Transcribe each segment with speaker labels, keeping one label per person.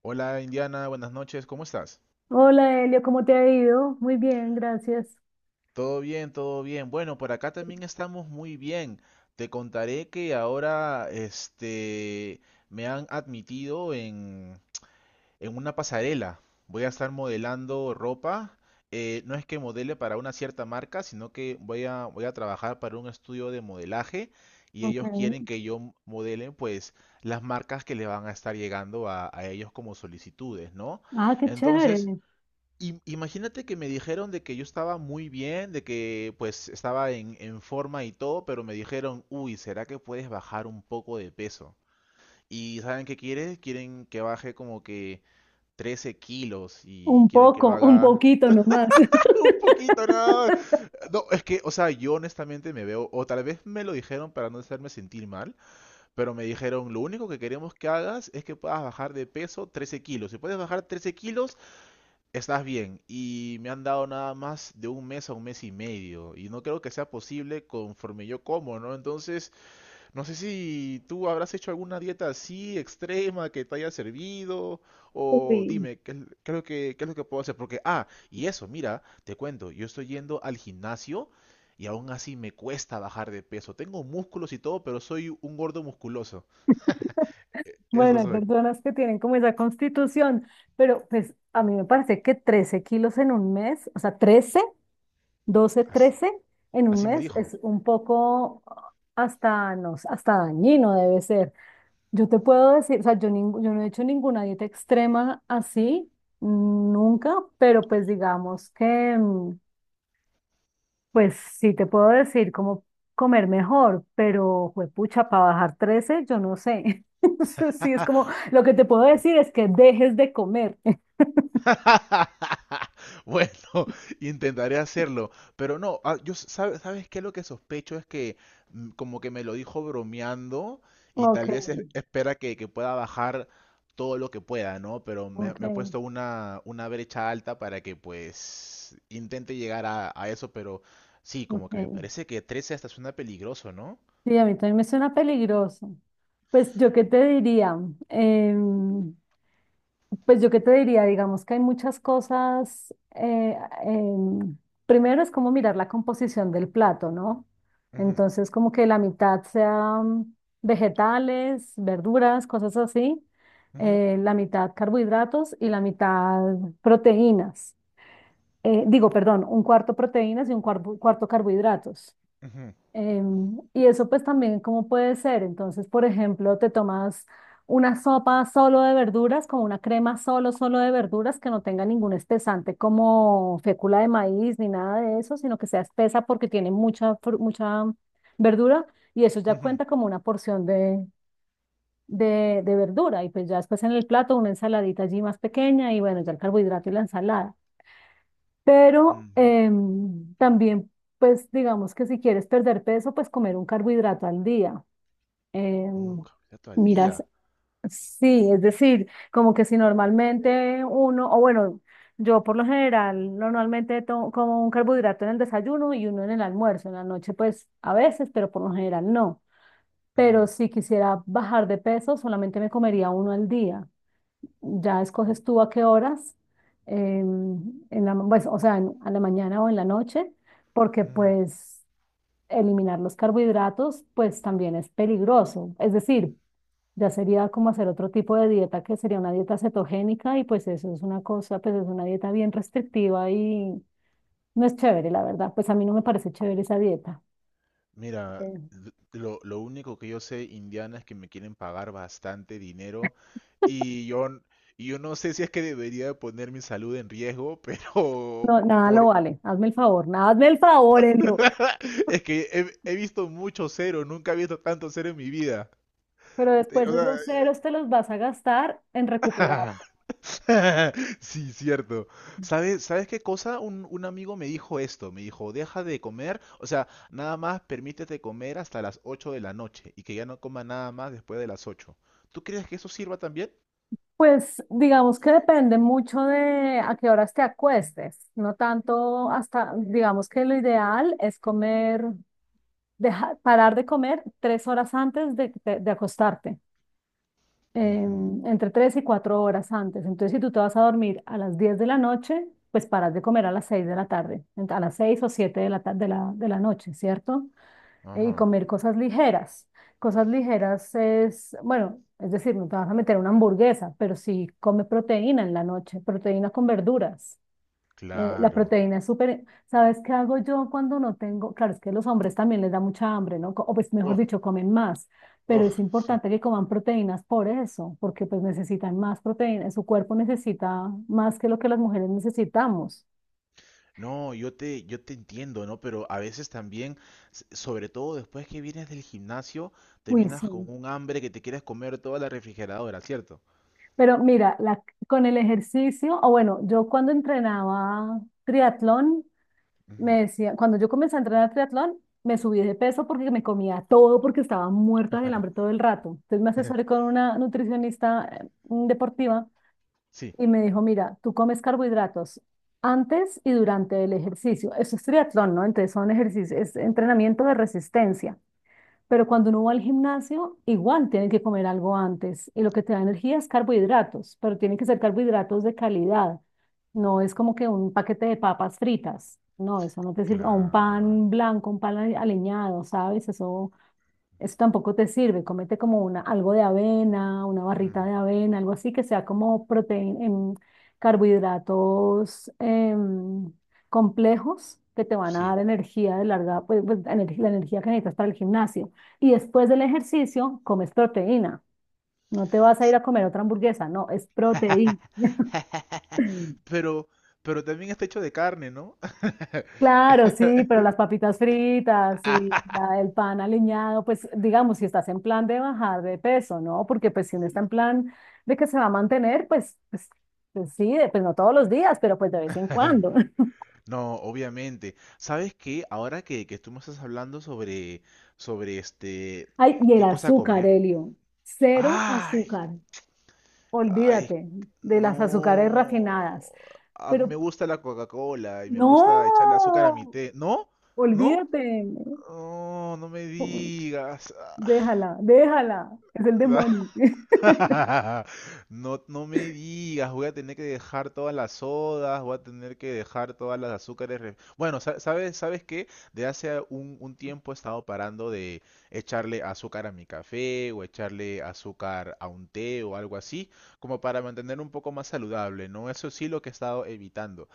Speaker 1: Hola Indiana, buenas noches, ¿cómo estás?
Speaker 2: Hola Elio, ¿cómo te ha ido? Muy bien, gracias.
Speaker 1: Todo bien, todo bien. Bueno, por acá también estamos muy bien. Te contaré que ahora me han admitido en una pasarela. Voy a estar modelando ropa. No es que modele para una cierta marca, sino que voy a trabajar para un estudio de modelaje y
Speaker 2: Ok.
Speaker 1: ellos quieren que yo modele pues las marcas que le van a estar llegando a ellos como solicitudes, ¿no?
Speaker 2: Ah, qué
Speaker 1: Entonces,
Speaker 2: chévere.
Speaker 1: Imagínate que me dijeron de que yo estaba muy bien, de que pues estaba en forma y todo, pero me dijeron, uy, ¿será que puedes bajar un poco de peso? Y ¿saben qué quieren? Quieren que baje como que 13 kilos
Speaker 2: Un
Speaker 1: y quieren que lo
Speaker 2: poco, un
Speaker 1: haga
Speaker 2: poquito nomás.
Speaker 1: un poquito nada más. No, es que, o sea, yo honestamente me veo, o tal vez me lo dijeron para no hacerme sentir mal, pero me dijeron, lo único que queremos que hagas es que puedas bajar de peso 13 kilos. Si puedes bajar 13 kilos, estás bien, y me han dado nada más de un mes a un mes y medio, y no creo que sea posible conforme yo como, ¿no? Entonces, no sé si tú habrás hecho alguna dieta así extrema que te haya servido, o
Speaker 2: Sí.
Speaker 1: dime, qué es lo qué es lo que puedo hacer? Porque, y eso, mira, te cuento, yo estoy yendo al gimnasio y aún así me cuesta bajar de peso. Tengo músculos y todo, pero soy un gordo musculoso. Eso
Speaker 2: Bueno, hay
Speaker 1: soy.
Speaker 2: personas que tienen como esa constitución, pero pues a mí me parece que 13 kilos en un mes, o sea, 13, 12,
Speaker 1: Así,
Speaker 2: 13 en un
Speaker 1: así me
Speaker 2: mes
Speaker 1: dijo.
Speaker 2: es un poco hasta, no sé, hasta dañino debe ser. Yo te puedo decir, o sea, yo no he hecho ninguna dieta extrema así, nunca, pero pues digamos que, pues sí, te puedo decir cómo comer mejor, pero juepucha para bajar 13, yo no sé. Eso sí, es como, lo que te puedo decir es que dejes de comer.
Speaker 1: Bueno, intentaré hacerlo, pero no, yo sabes, ¿sabes qué? Lo que sospecho es que como que me lo dijo bromeando y
Speaker 2: Ok,
Speaker 1: tal vez espera que pueda bajar todo lo que pueda, ¿no? Pero
Speaker 2: ok,
Speaker 1: me ha puesto una brecha alta para que pues intente llegar a eso, pero sí, como que me
Speaker 2: ok.
Speaker 1: parece que 13 hasta suena peligroso, ¿no?
Speaker 2: Sí, a mí también me suena peligroso. Pues yo qué te diría, Em, Pues yo qué te diría, digamos que hay muchas cosas. Primero es como mirar la composición del plato, ¿no?
Speaker 1: Ujú,
Speaker 2: Entonces, como que la mitad sean vegetales, verduras, cosas así,
Speaker 1: ujú,
Speaker 2: la mitad carbohidratos y la mitad proteínas. Digo, perdón, un cuarto proteínas y un cuarto carbohidratos.
Speaker 1: ujú,
Speaker 2: Y eso pues también cómo puede ser. Entonces, por ejemplo, te tomas una sopa solo de verduras, como una crema solo de verduras, que no tenga ningún espesante como fécula de maíz ni nada de eso, sino que sea espesa porque tiene mucha verdura y eso ya
Speaker 1: ujú,
Speaker 2: cuenta como una porción de verdura. Y pues ya después en el plato una ensaladita allí más pequeña y bueno, ya el carbohidrato y la ensalada. Pero
Speaker 1: ujú.
Speaker 2: también, pues digamos que si quieres perder peso, pues comer un carbohidrato al día.
Speaker 1: Un
Speaker 2: Em,
Speaker 1: carbohidrato al
Speaker 2: Miras,
Speaker 1: día.
Speaker 2: sí, es decir, como que si normalmente uno, o bueno, yo por lo general normalmente como un carbohidrato en el desayuno y uno en el almuerzo, en la noche pues a veces, pero por lo general no. Pero
Speaker 1: Ujú,
Speaker 2: si quisiera bajar de peso, solamente me comería uno al día. Ya escoges tú a qué horas, em, pues, o sea, a la mañana o en la noche, porque
Speaker 1: ujú.
Speaker 2: pues eliminar los carbohidratos pues también es peligroso. Es decir, ya sería como hacer otro tipo de dieta que sería una dieta cetogénica y pues eso es una cosa, pues es una dieta bien restrictiva y no es chévere, la verdad. Pues a mí no me parece chévere esa dieta.
Speaker 1: Mira,
Speaker 2: Eh,
Speaker 1: lo único que yo sé, Indiana, es que me quieren pagar bastante dinero y yo, n- y yo no sé si es que debería poner mi salud en riesgo, pero
Speaker 2: no, nada lo
Speaker 1: por...
Speaker 2: vale. Hazme el favor, nada, hazme el favor, Elio.
Speaker 1: Es que he visto mucho cero, nunca he visto tanto cero en mi vida.
Speaker 2: Pero después
Speaker 1: O sea,
Speaker 2: esos ceros te los vas a gastar en recuperar.
Speaker 1: sí, cierto. ¿Sabes, sabes qué cosa? Un amigo me dijo esto, me dijo, deja de comer, o sea, nada más permítete comer hasta las 8 de la noche y que ya no coma nada más después de las 8. ¿Tú crees que eso sirva también?
Speaker 2: Pues digamos que depende mucho de a qué horas te acuestes, no tanto hasta, digamos que lo ideal es comer, dejar, parar de comer 3 horas antes de acostarte, eh,
Speaker 1: Ujú,
Speaker 2: entre 3 y 4 horas antes. Entonces, si tú te vas a dormir a las 10 de la noche, pues paras de comer a las 6 de la tarde, a las 6 o 7 de la, ta- de la noche, ¿cierto? Y
Speaker 1: ajá,
Speaker 2: comer cosas ligeras. Cosas ligeras es, bueno, es decir, no te vas a meter una hamburguesa, pero sí come proteína en la noche, proteína con verduras. La
Speaker 1: claro.
Speaker 2: proteína es súper, ¿sabes qué hago yo cuando no tengo? Claro, es que los hombres también les da mucha hambre, ¿no? O pues mejor
Speaker 1: Oh,
Speaker 2: dicho, comen más, pero
Speaker 1: oh,
Speaker 2: es
Speaker 1: sí.
Speaker 2: importante que coman proteínas por eso, porque pues necesitan más proteína, su cuerpo necesita más que lo que las mujeres necesitamos.
Speaker 1: No, yo te entiendo, ¿no? Pero a veces también, sobre todo después que vienes del gimnasio,
Speaker 2: Uy,
Speaker 1: terminas con
Speaker 2: sí.
Speaker 1: un hambre que te quieres comer toda la refrigeradora, ¿cierto?
Speaker 2: Pero mira, con el ejercicio, o bueno, yo cuando entrenaba triatlón,
Speaker 1: Ujú.
Speaker 2: me decía, cuando yo comencé a entrenar triatlón, me subí de peso porque me comía todo, porque estaba muerta del hambre todo el rato. Entonces me asesoré con una nutricionista deportiva
Speaker 1: Sí,
Speaker 2: y me dijo, mira, tú comes carbohidratos antes y durante el ejercicio. Eso es triatlón, ¿no? Entonces son ejercicios, es entrenamiento de resistencia. Pero cuando uno va al gimnasio, igual tienen que comer algo antes. Y lo que te da energía es carbohidratos, pero tienen que ser carbohidratos de calidad. No es como que un paquete de papas fritas. No, eso no te sirve. O un
Speaker 1: claro.
Speaker 2: pan blanco, un pan aliñado, ¿sabes? Eso tampoco te sirve. Comete como una, algo de avena, una barrita
Speaker 1: Mm,
Speaker 2: de avena, algo así que sea como proteína, carbohidratos complejos que te van a dar
Speaker 1: sí.
Speaker 2: energía de larga, la energía que necesitas para el gimnasio. Y después del ejercicio, comes proteína. No te vas a ir
Speaker 1: S-
Speaker 2: a comer otra hamburguesa, no, es proteína.
Speaker 1: Pero, pero también está hecho de carne, ¿no?
Speaker 2: Claro, sí, pero las papitas fritas y el pan aliñado, pues digamos, si estás en plan de bajar de peso, ¿no? Porque pues si uno está en plan de que se va a mantener, pues sí, pues no todos los días, pero pues de vez en cuando.
Speaker 1: No, obviamente. ¿Sabes qué? Ahora que tú me estás hablando sobre, sobre
Speaker 2: Ay, y el
Speaker 1: qué cosa
Speaker 2: azúcar,
Speaker 1: comer.
Speaker 2: Elio, cero
Speaker 1: Ay,
Speaker 2: azúcar,
Speaker 1: ay,
Speaker 2: olvídate de las azúcares
Speaker 1: no.
Speaker 2: refinadas,
Speaker 1: A mí
Speaker 2: pero
Speaker 1: me gusta la Coca-Cola y me gusta echarle azúcar a mi
Speaker 2: no,
Speaker 1: té. ¿No? ¿No?
Speaker 2: olvídate,
Speaker 1: No, no me
Speaker 2: no,
Speaker 1: digas.
Speaker 2: déjala, déjala, es el demonio.
Speaker 1: No, no me digas, voy a tener que dejar todas las sodas, voy a tener que dejar todas las azúcares. Bueno, ¿sabes, sabes qué? De hace un tiempo he estado parando de echarle azúcar a mi café o echarle azúcar a un té o algo así, como para mantener un poco más saludable, ¿no? Eso sí lo que he estado evitando.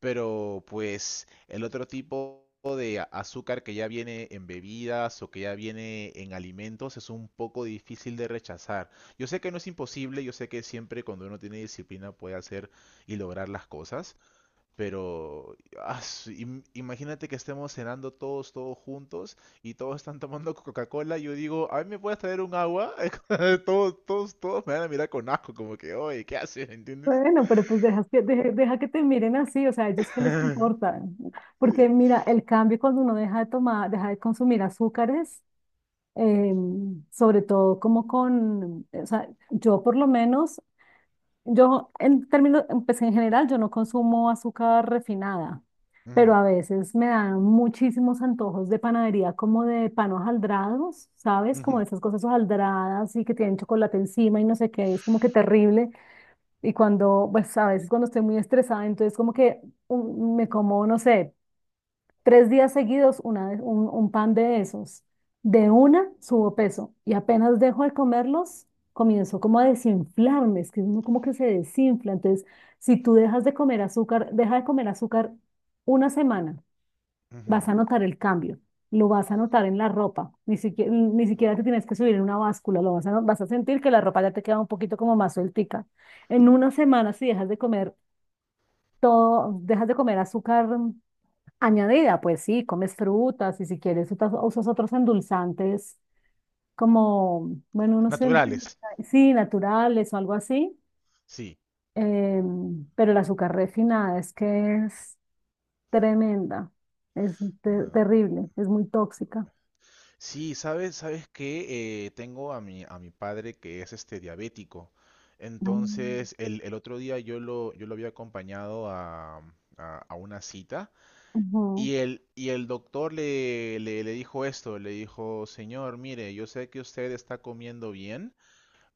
Speaker 1: Pero pues el otro tipo de azúcar que ya viene en bebidas o que ya viene en alimentos es un poco difícil de rechazar. Yo sé que no es imposible, yo sé que siempre cuando uno tiene disciplina puede hacer y lograr las cosas, pero imagínate que estemos cenando todos, todos juntos y todos están tomando Coca-Cola. Yo digo, ¿a mí me puedes traer un agua? Todos, todos, todos me van a mirar con asco, como que, oye, ¿qué haces? ¿Entiendes?
Speaker 2: Bueno, pero pues deja que te miren así, o sea, ¿a ellos qué les importa? Porque mira, el cambio cuando uno deja de tomar, deja de consumir azúcares, eh, sobre todo como con, o sea, yo por lo menos, yo en términos, pues en general yo no consumo azúcar refinada, pero
Speaker 1: Ujú,
Speaker 2: a veces me dan muchísimos antojos de panadería como de pan hojaldrados, ¿sabes? Como
Speaker 1: ujú,
Speaker 2: de esas cosas hojaldradas y que tienen chocolate encima y no sé qué, es como que terrible. Y cuando, pues a veces cuando estoy muy estresada, entonces como que me como, no sé, 3 días seguidos un pan de esos. De una subo peso y apenas dejo de comerlos, comienzo como a desinflarme, es que uno como que se desinfla. Entonces, si tú dejas de comer azúcar, deja de comer azúcar una semana vas
Speaker 1: ujú.
Speaker 2: a notar el cambio, lo vas a notar en la ropa, ni siquiera, ni siquiera te tienes que subir en una báscula, vas a sentir que la ropa ya te queda un poquito como más sueltica. En una semana, si dejas de comer todo, dejas de comer azúcar añadida, pues sí, comes frutas y si quieres usas otros endulzantes como, bueno, no sé,
Speaker 1: Naturales,
Speaker 2: sí, naturales o algo así,
Speaker 1: sí.
Speaker 2: eh, pero el azúcar refinada es que es tremenda, es
Speaker 1: No.
Speaker 2: terrible, es muy tóxica.
Speaker 1: Sí, sabes, sabes que tengo a mi padre que es este diabético. Entonces,
Speaker 2: Ah,
Speaker 1: el otro día yo lo había acompañado a una cita
Speaker 2: ujú,
Speaker 1: y el doctor le dijo esto, le dijo, señor, mire, yo sé que usted está comiendo bien.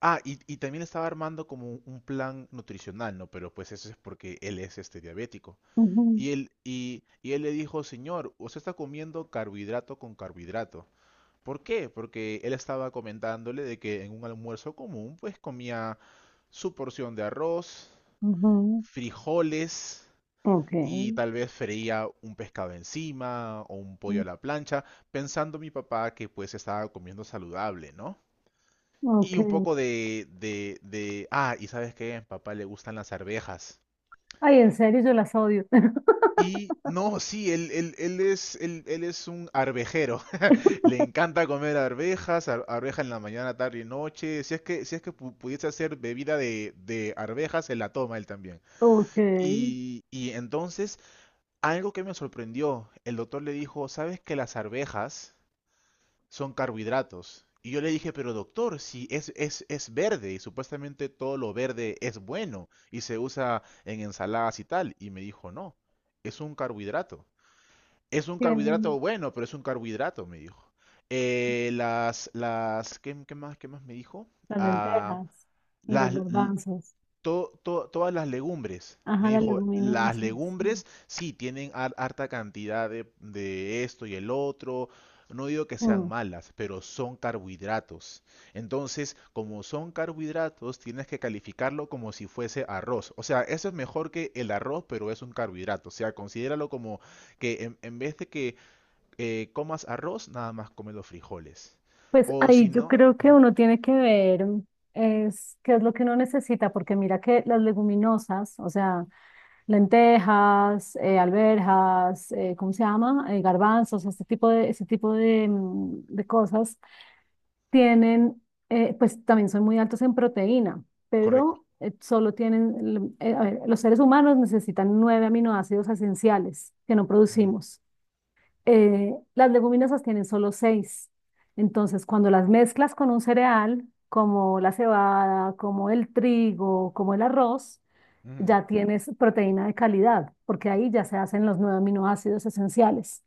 Speaker 1: Ah, y también estaba armando como un plan nutricional, ¿no? Pero pues eso es porque él es este diabético.
Speaker 2: ujú,
Speaker 1: Y él le dijo, señor, usted está comiendo carbohidrato con carbohidrato. ¿Por qué? Porque él estaba comentándole de que en un almuerzo común pues comía su porción de arroz,
Speaker 2: ujú.
Speaker 1: frijoles
Speaker 2: Ok,
Speaker 1: y tal vez freía un pescado encima o un pollo
Speaker 2: mm,
Speaker 1: a la plancha, pensando mi papá que pues estaba comiendo saludable, ¿no?
Speaker 2: ok.
Speaker 1: Y un poco y sabes qué, a papá le gustan las arvejas.
Speaker 2: Ay, en serio, yo las odio.
Speaker 1: Y no, sí, él es un arvejero. Le encanta comer arvejas, arveja en la mañana, tarde y noche. Si es que, si es que pudiese hacer bebida de arvejas, se la toma él también.
Speaker 2: Ok,
Speaker 1: Y entonces, algo que me sorprendió, el doctor le dijo, ¿sabes que las arvejas son carbohidratos? Y yo le dije, pero doctor, si es verde y supuestamente todo lo verde es bueno y se usa en ensaladas y tal. Y me dijo, no, es un carbohidrato. Es un
Speaker 2: tienen
Speaker 1: carbohidrato bueno, pero es un carbohidrato, me dijo. ¿Qué, qué más me dijo?
Speaker 2: las
Speaker 1: Ah,
Speaker 2: lentejas y los
Speaker 1: las, l-
Speaker 2: garbanzos.
Speaker 1: to- to- todas las legumbres. Me
Speaker 2: Ajá, las
Speaker 1: dijo, las
Speaker 2: leguminosas.
Speaker 1: legumbres sí tienen harta cantidad de esto y el otro. No digo que sean
Speaker 2: Mm.
Speaker 1: malas, pero son carbohidratos. Entonces, como son carbohidratos, tienes que calificarlo como si fuese arroz. O sea, eso es mejor que el arroz, pero es un carbohidrato. O sea, considéralo como que en vez de que comas arroz, nada más come los frijoles.
Speaker 2: Pues
Speaker 1: O
Speaker 2: ahí
Speaker 1: si
Speaker 2: yo
Speaker 1: no,
Speaker 2: creo que uno tiene que ver es qué es lo que uno necesita, porque mira que las leguminosas, o sea, lentejas, alberjas, ¿cómo se llama? Garbanzos, este tipo de, ese tipo de, de cosas tienen, pues también son muy altos en proteína,
Speaker 1: correcto.
Speaker 2: pero solo tienen, a ver, los seres humanos necesitan nueve aminoácidos esenciales que no
Speaker 1: Ujú,
Speaker 2: producimos. Las leguminosas tienen solo seis. Entonces, cuando las mezclas con un cereal, como la cebada, como el trigo, como el arroz,
Speaker 1: ujú.
Speaker 2: ya tienes proteína de calidad, porque ahí ya se hacen los nueve aminoácidos esenciales.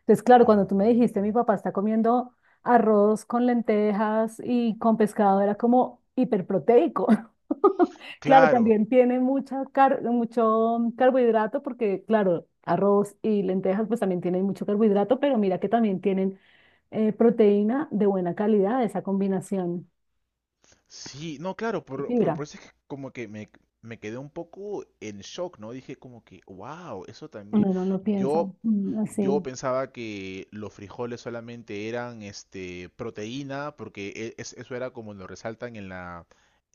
Speaker 2: Entonces, claro, cuando tú me
Speaker 1: Oh,
Speaker 2: dijiste, mi papá está comiendo arroz con lentejas y con pescado, era como hiperproteico. Claro,
Speaker 1: claro,
Speaker 2: también tiene mucho carbohidrato porque, claro, arroz y lentejas pues también tienen mucho carbohidrato, pero mira que también tienen proteína de buena calidad, esa combinación
Speaker 1: sí, no, claro,
Speaker 2: y fibra.
Speaker 1: por eso es que como que me quedé un poco en shock, ¿no? Dije como que, wow, eso también.
Speaker 2: Uno no lo piensa
Speaker 1: Yo, yo
Speaker 2: así.
Speaker 1: pensaba que los frijoles solamente eran este, proteína, porque eso era como lo resaltan en la,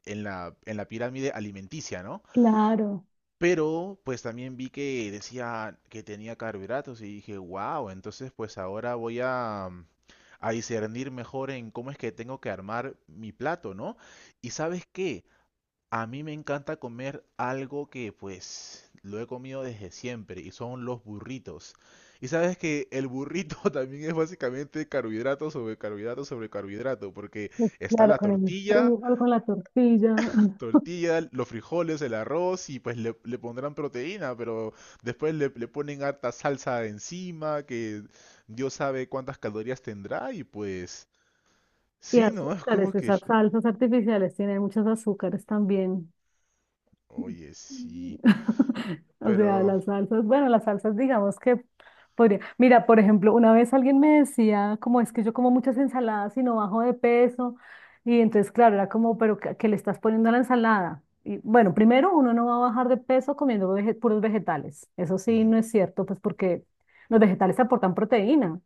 Speaker 1: en la, en la pirámide alimenticia, ¿no?
Speaker 2: Claro,
Speaker 1: Pero pues también vi que decía que tenía carbohidratos y dije, wow, entonces pues ahora voy a, a discernir mejor en cómo es que tengo que armar mi plato, ¿no? Y sabes qué, a mí me encanta comer algo que pues lo he comido desde siempre y son los burritos. Y sabes que el burrito también es básicamente carbohidrato sobre carbohidrato sobre carbohidrato, porque
Speaker 2: pues,
Speaker 1: está
Speaker 2: claro,
Speaker 1: la
Speaker 2: con el
Speaker 1: tortilla,
Speaker 2: frijol, con la tortilla.
Speaker 1: tortilla, los frijoles, el arroz y pues le pondrán proteína, pero después le ponen harta salsa encima, que Dios sabe cuántas calorías tendrá y pues
Speaker 2: Y
Speaker 1: sí, ¿no? Es como
Speaker 2: azúcares,
Speaker 1: que...
Speaker 2: esas salsas artificiales tienen muchos azúcares también.
Speaker 1: Oye, sí,
Speaker 2: O sea,
Speaker 1: pero...
Speaker 2: bueno, las salsas digamos que podría. Mira, por ejemplo, una vez alguien me decía, como es que yo como muchas ensaladas y no bajo de peso, y entonces, claro, era como, pero ¿qué le estás poniendo a la ensalada? Y bueno, primero, uno no va a bajar de peso comiendo puros vegetales. Eso sí,
Speaker 1: ujú,
Speaker 2: no es cierto, pues porque los vegetales te aportan proteína,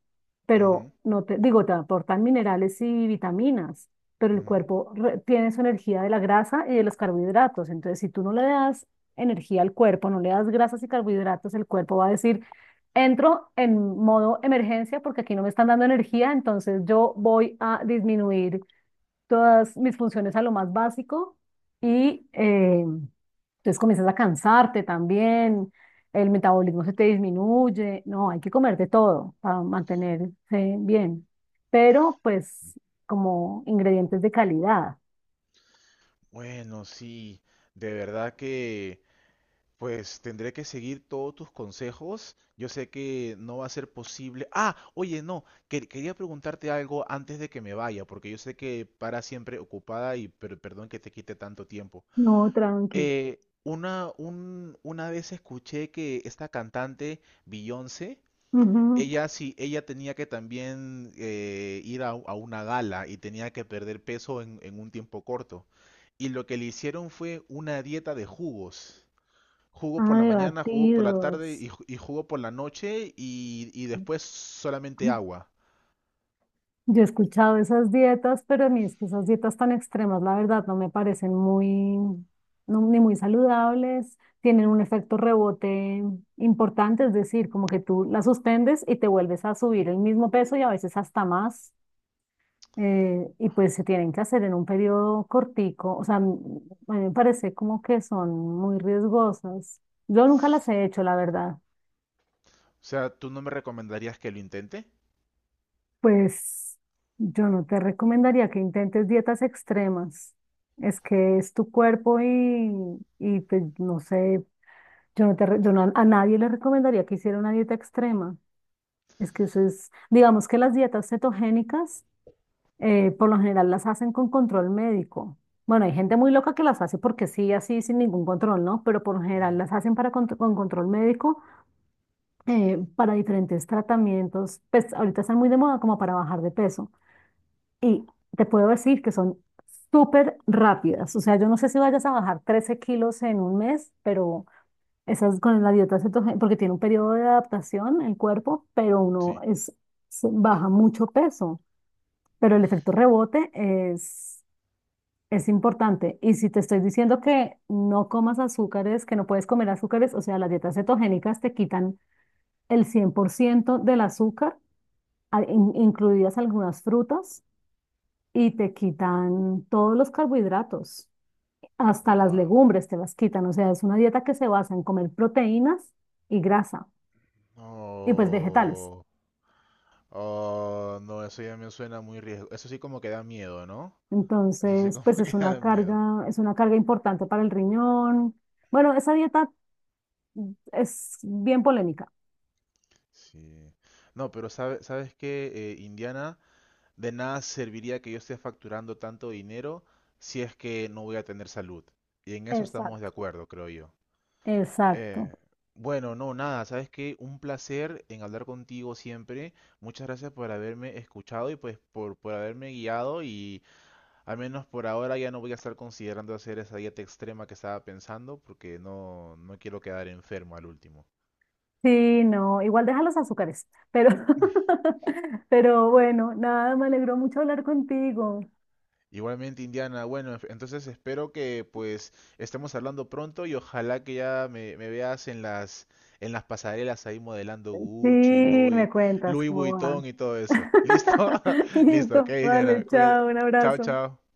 Speaker 2: pero
Speaker 1: ujú,
Speaker 2: no te, digo, te aportan minerales y vitaminas. Pero el
Speaker 1: ujú.
Speaker 2: cuerpo tiene su energía de la grasa y de los carbohidratos. Entonces, si tú no le das energía al cuerpo, no le das grasas y carbohidratos, el cuerpo va a decir, entro en modo emergencia porque aquí no me están dando energía, entonces yo voy a disminuir todas mis funciones a lo más básico y entonces comienzas a cansarte también, el metabolismo se te disminuye, no, hay que comer de todo para mantenerse bien, pero pues como ingredientes de calidad.
Speaker 1: Bueno, sí, de verdad que pues tendré que seguir todos tus consejos. Yo sé que no va a ser posible. Ah, oye, no, quería preguntarte algo antes de que me vaya, porque yo sé que para siempre ocupada y perdón que te quite tanto tiempo.
Speaker 2: No, tranqui.
Speaker 1: Eh, una vez escuché que esta cantante Beyoncé,
Speaker 2: Ujú.
Speaker 1: ella sí, ella tenía que también a una gala y tenía que perder peso en un tiempo corto. Y lo que le hicieron fue una dieta de jugos. Jugo
Speaker 2: Ah,
Speaker 1: por la
Speaker 2: de
Speaker 1: mañana, jugo por la tarde
Speaker 2: batidos.
Speaker 1: y jugo por la noche y después solamente agua.
Speaker 2: Yo he escuchado esas dietas, pero a mí es que esas dietas tan extremas, la verdad, no me parecen muy, no, ni muy saludables, tienen un efecto rebote importante, es decir, como que tú las suspendes y te vuelves a subir el mismo peso y a veces hasta más, y pues se tienen que hacer en un periodo cortico, o sea, a mí me parece como que son muy riesgosas. Yo nunca las he hecho, la verdad.
Speaker 1: O sea, ¿tú no me recomendarías que lo intente?
Speaker 2: Pues yo no te recomendaría que intentes dietas extremas. Es que es tu cuerpo y pues no sé, yo no te, re- yo no- a nadie le recomendaría que hiciera una dieta extrema. Es que eso es, digamos que las dietas cetogénicas por lo general las hacen con control médico. Bueno, hay gente muy loca que las hace porque sí, así, sin ningún control, ¿no? Pero por lo general
Speaker 1: Ujú,
Speaker 2: las hacen para con control médico, para diferentes tratamientos. Pues ahorita están muy de moda como para bajar de peso y te puedo decir que son súper rápidas. O sea, yo no sé si vayas a bajar 13 kilos en un mes, pero esas con la dieta cetogénica, porque tiene un periodo de adaptación el cuerpo, pero
Speaker 1: sí.
Speaker 2: uno es, baja mucho peso. Pero el efecto rebote es importante. Y si te estoy diciendo que no comas azúcares, que no puedes comer azúcares, o sea, las dietas cetogénicas te quitan el 100% del azúcar, incluidas algunas frutas y te quitan todos los carbohidratos, hasta las
Speaker 1: Wow.
Speaker 2: legumbres te las quitan. O sea, es una dieta que se basa en comer proteínas y grasa y pues vegetales.
Speaker 1: Oh, oh, no, eso ya me suena muy riesgo. Eso sí como que da miedo, ¿no? Eso sí
Speaker 2: Entonces,
Speaker 1: como
Speaker 2: pues
Speaker 1: que da miedo.
Speaker 2: es una carga importante para el riñón. Bueno, esa dieta es bien polémica.
Speaker 1: Sí. No, pero ¿sabes qué, Indiana? De nada serviría que yo esté facturando tanto dinero si es que no voy a tener salud. Y en eso estamos de
Speaker 2: Exacto.
Speaker 1: acuerdo, creo yo.
Speaker 2: Exacto.
Speaker 1: Eh, bueno, no, nada, sabes que un placer en hablar contigo siempre. Muchas gracias por haberme escuchado y pues por haberme guiado y al menos por ahora ya no voy a estar considerando hacer esa dieta extrema que estaba pensando porque no, no quiero quedar enfermo al último.
Speaker 2: Sí, no, igual deja los azúcares, pero, pero bueno, nada, me alegró mucho hablar contigo.
Speaker 1: Igualmente, Indiana. Bueno, entonces espero que pues estemos hablando pronto y ojalá que ya me veas en las pasarelas ahí modelando
Speaker 2: Sí,
Speaker 1: Gucci,
Speaker 2: me
Speaker 1: Louis,
Speaker 2: cuentas
Speaker 1: Louis
Speaker 2: cómo va.
Speaker 1: Vuitton y todo eso. ¿Listo? Listo, ok,
Speaker 2: Listo, vale,
Speaker 1: Indiana.
Speaker 2: chao, un
Speaker 1: Chao,
Speaker 2: abrazo.
Speaker 1: chao.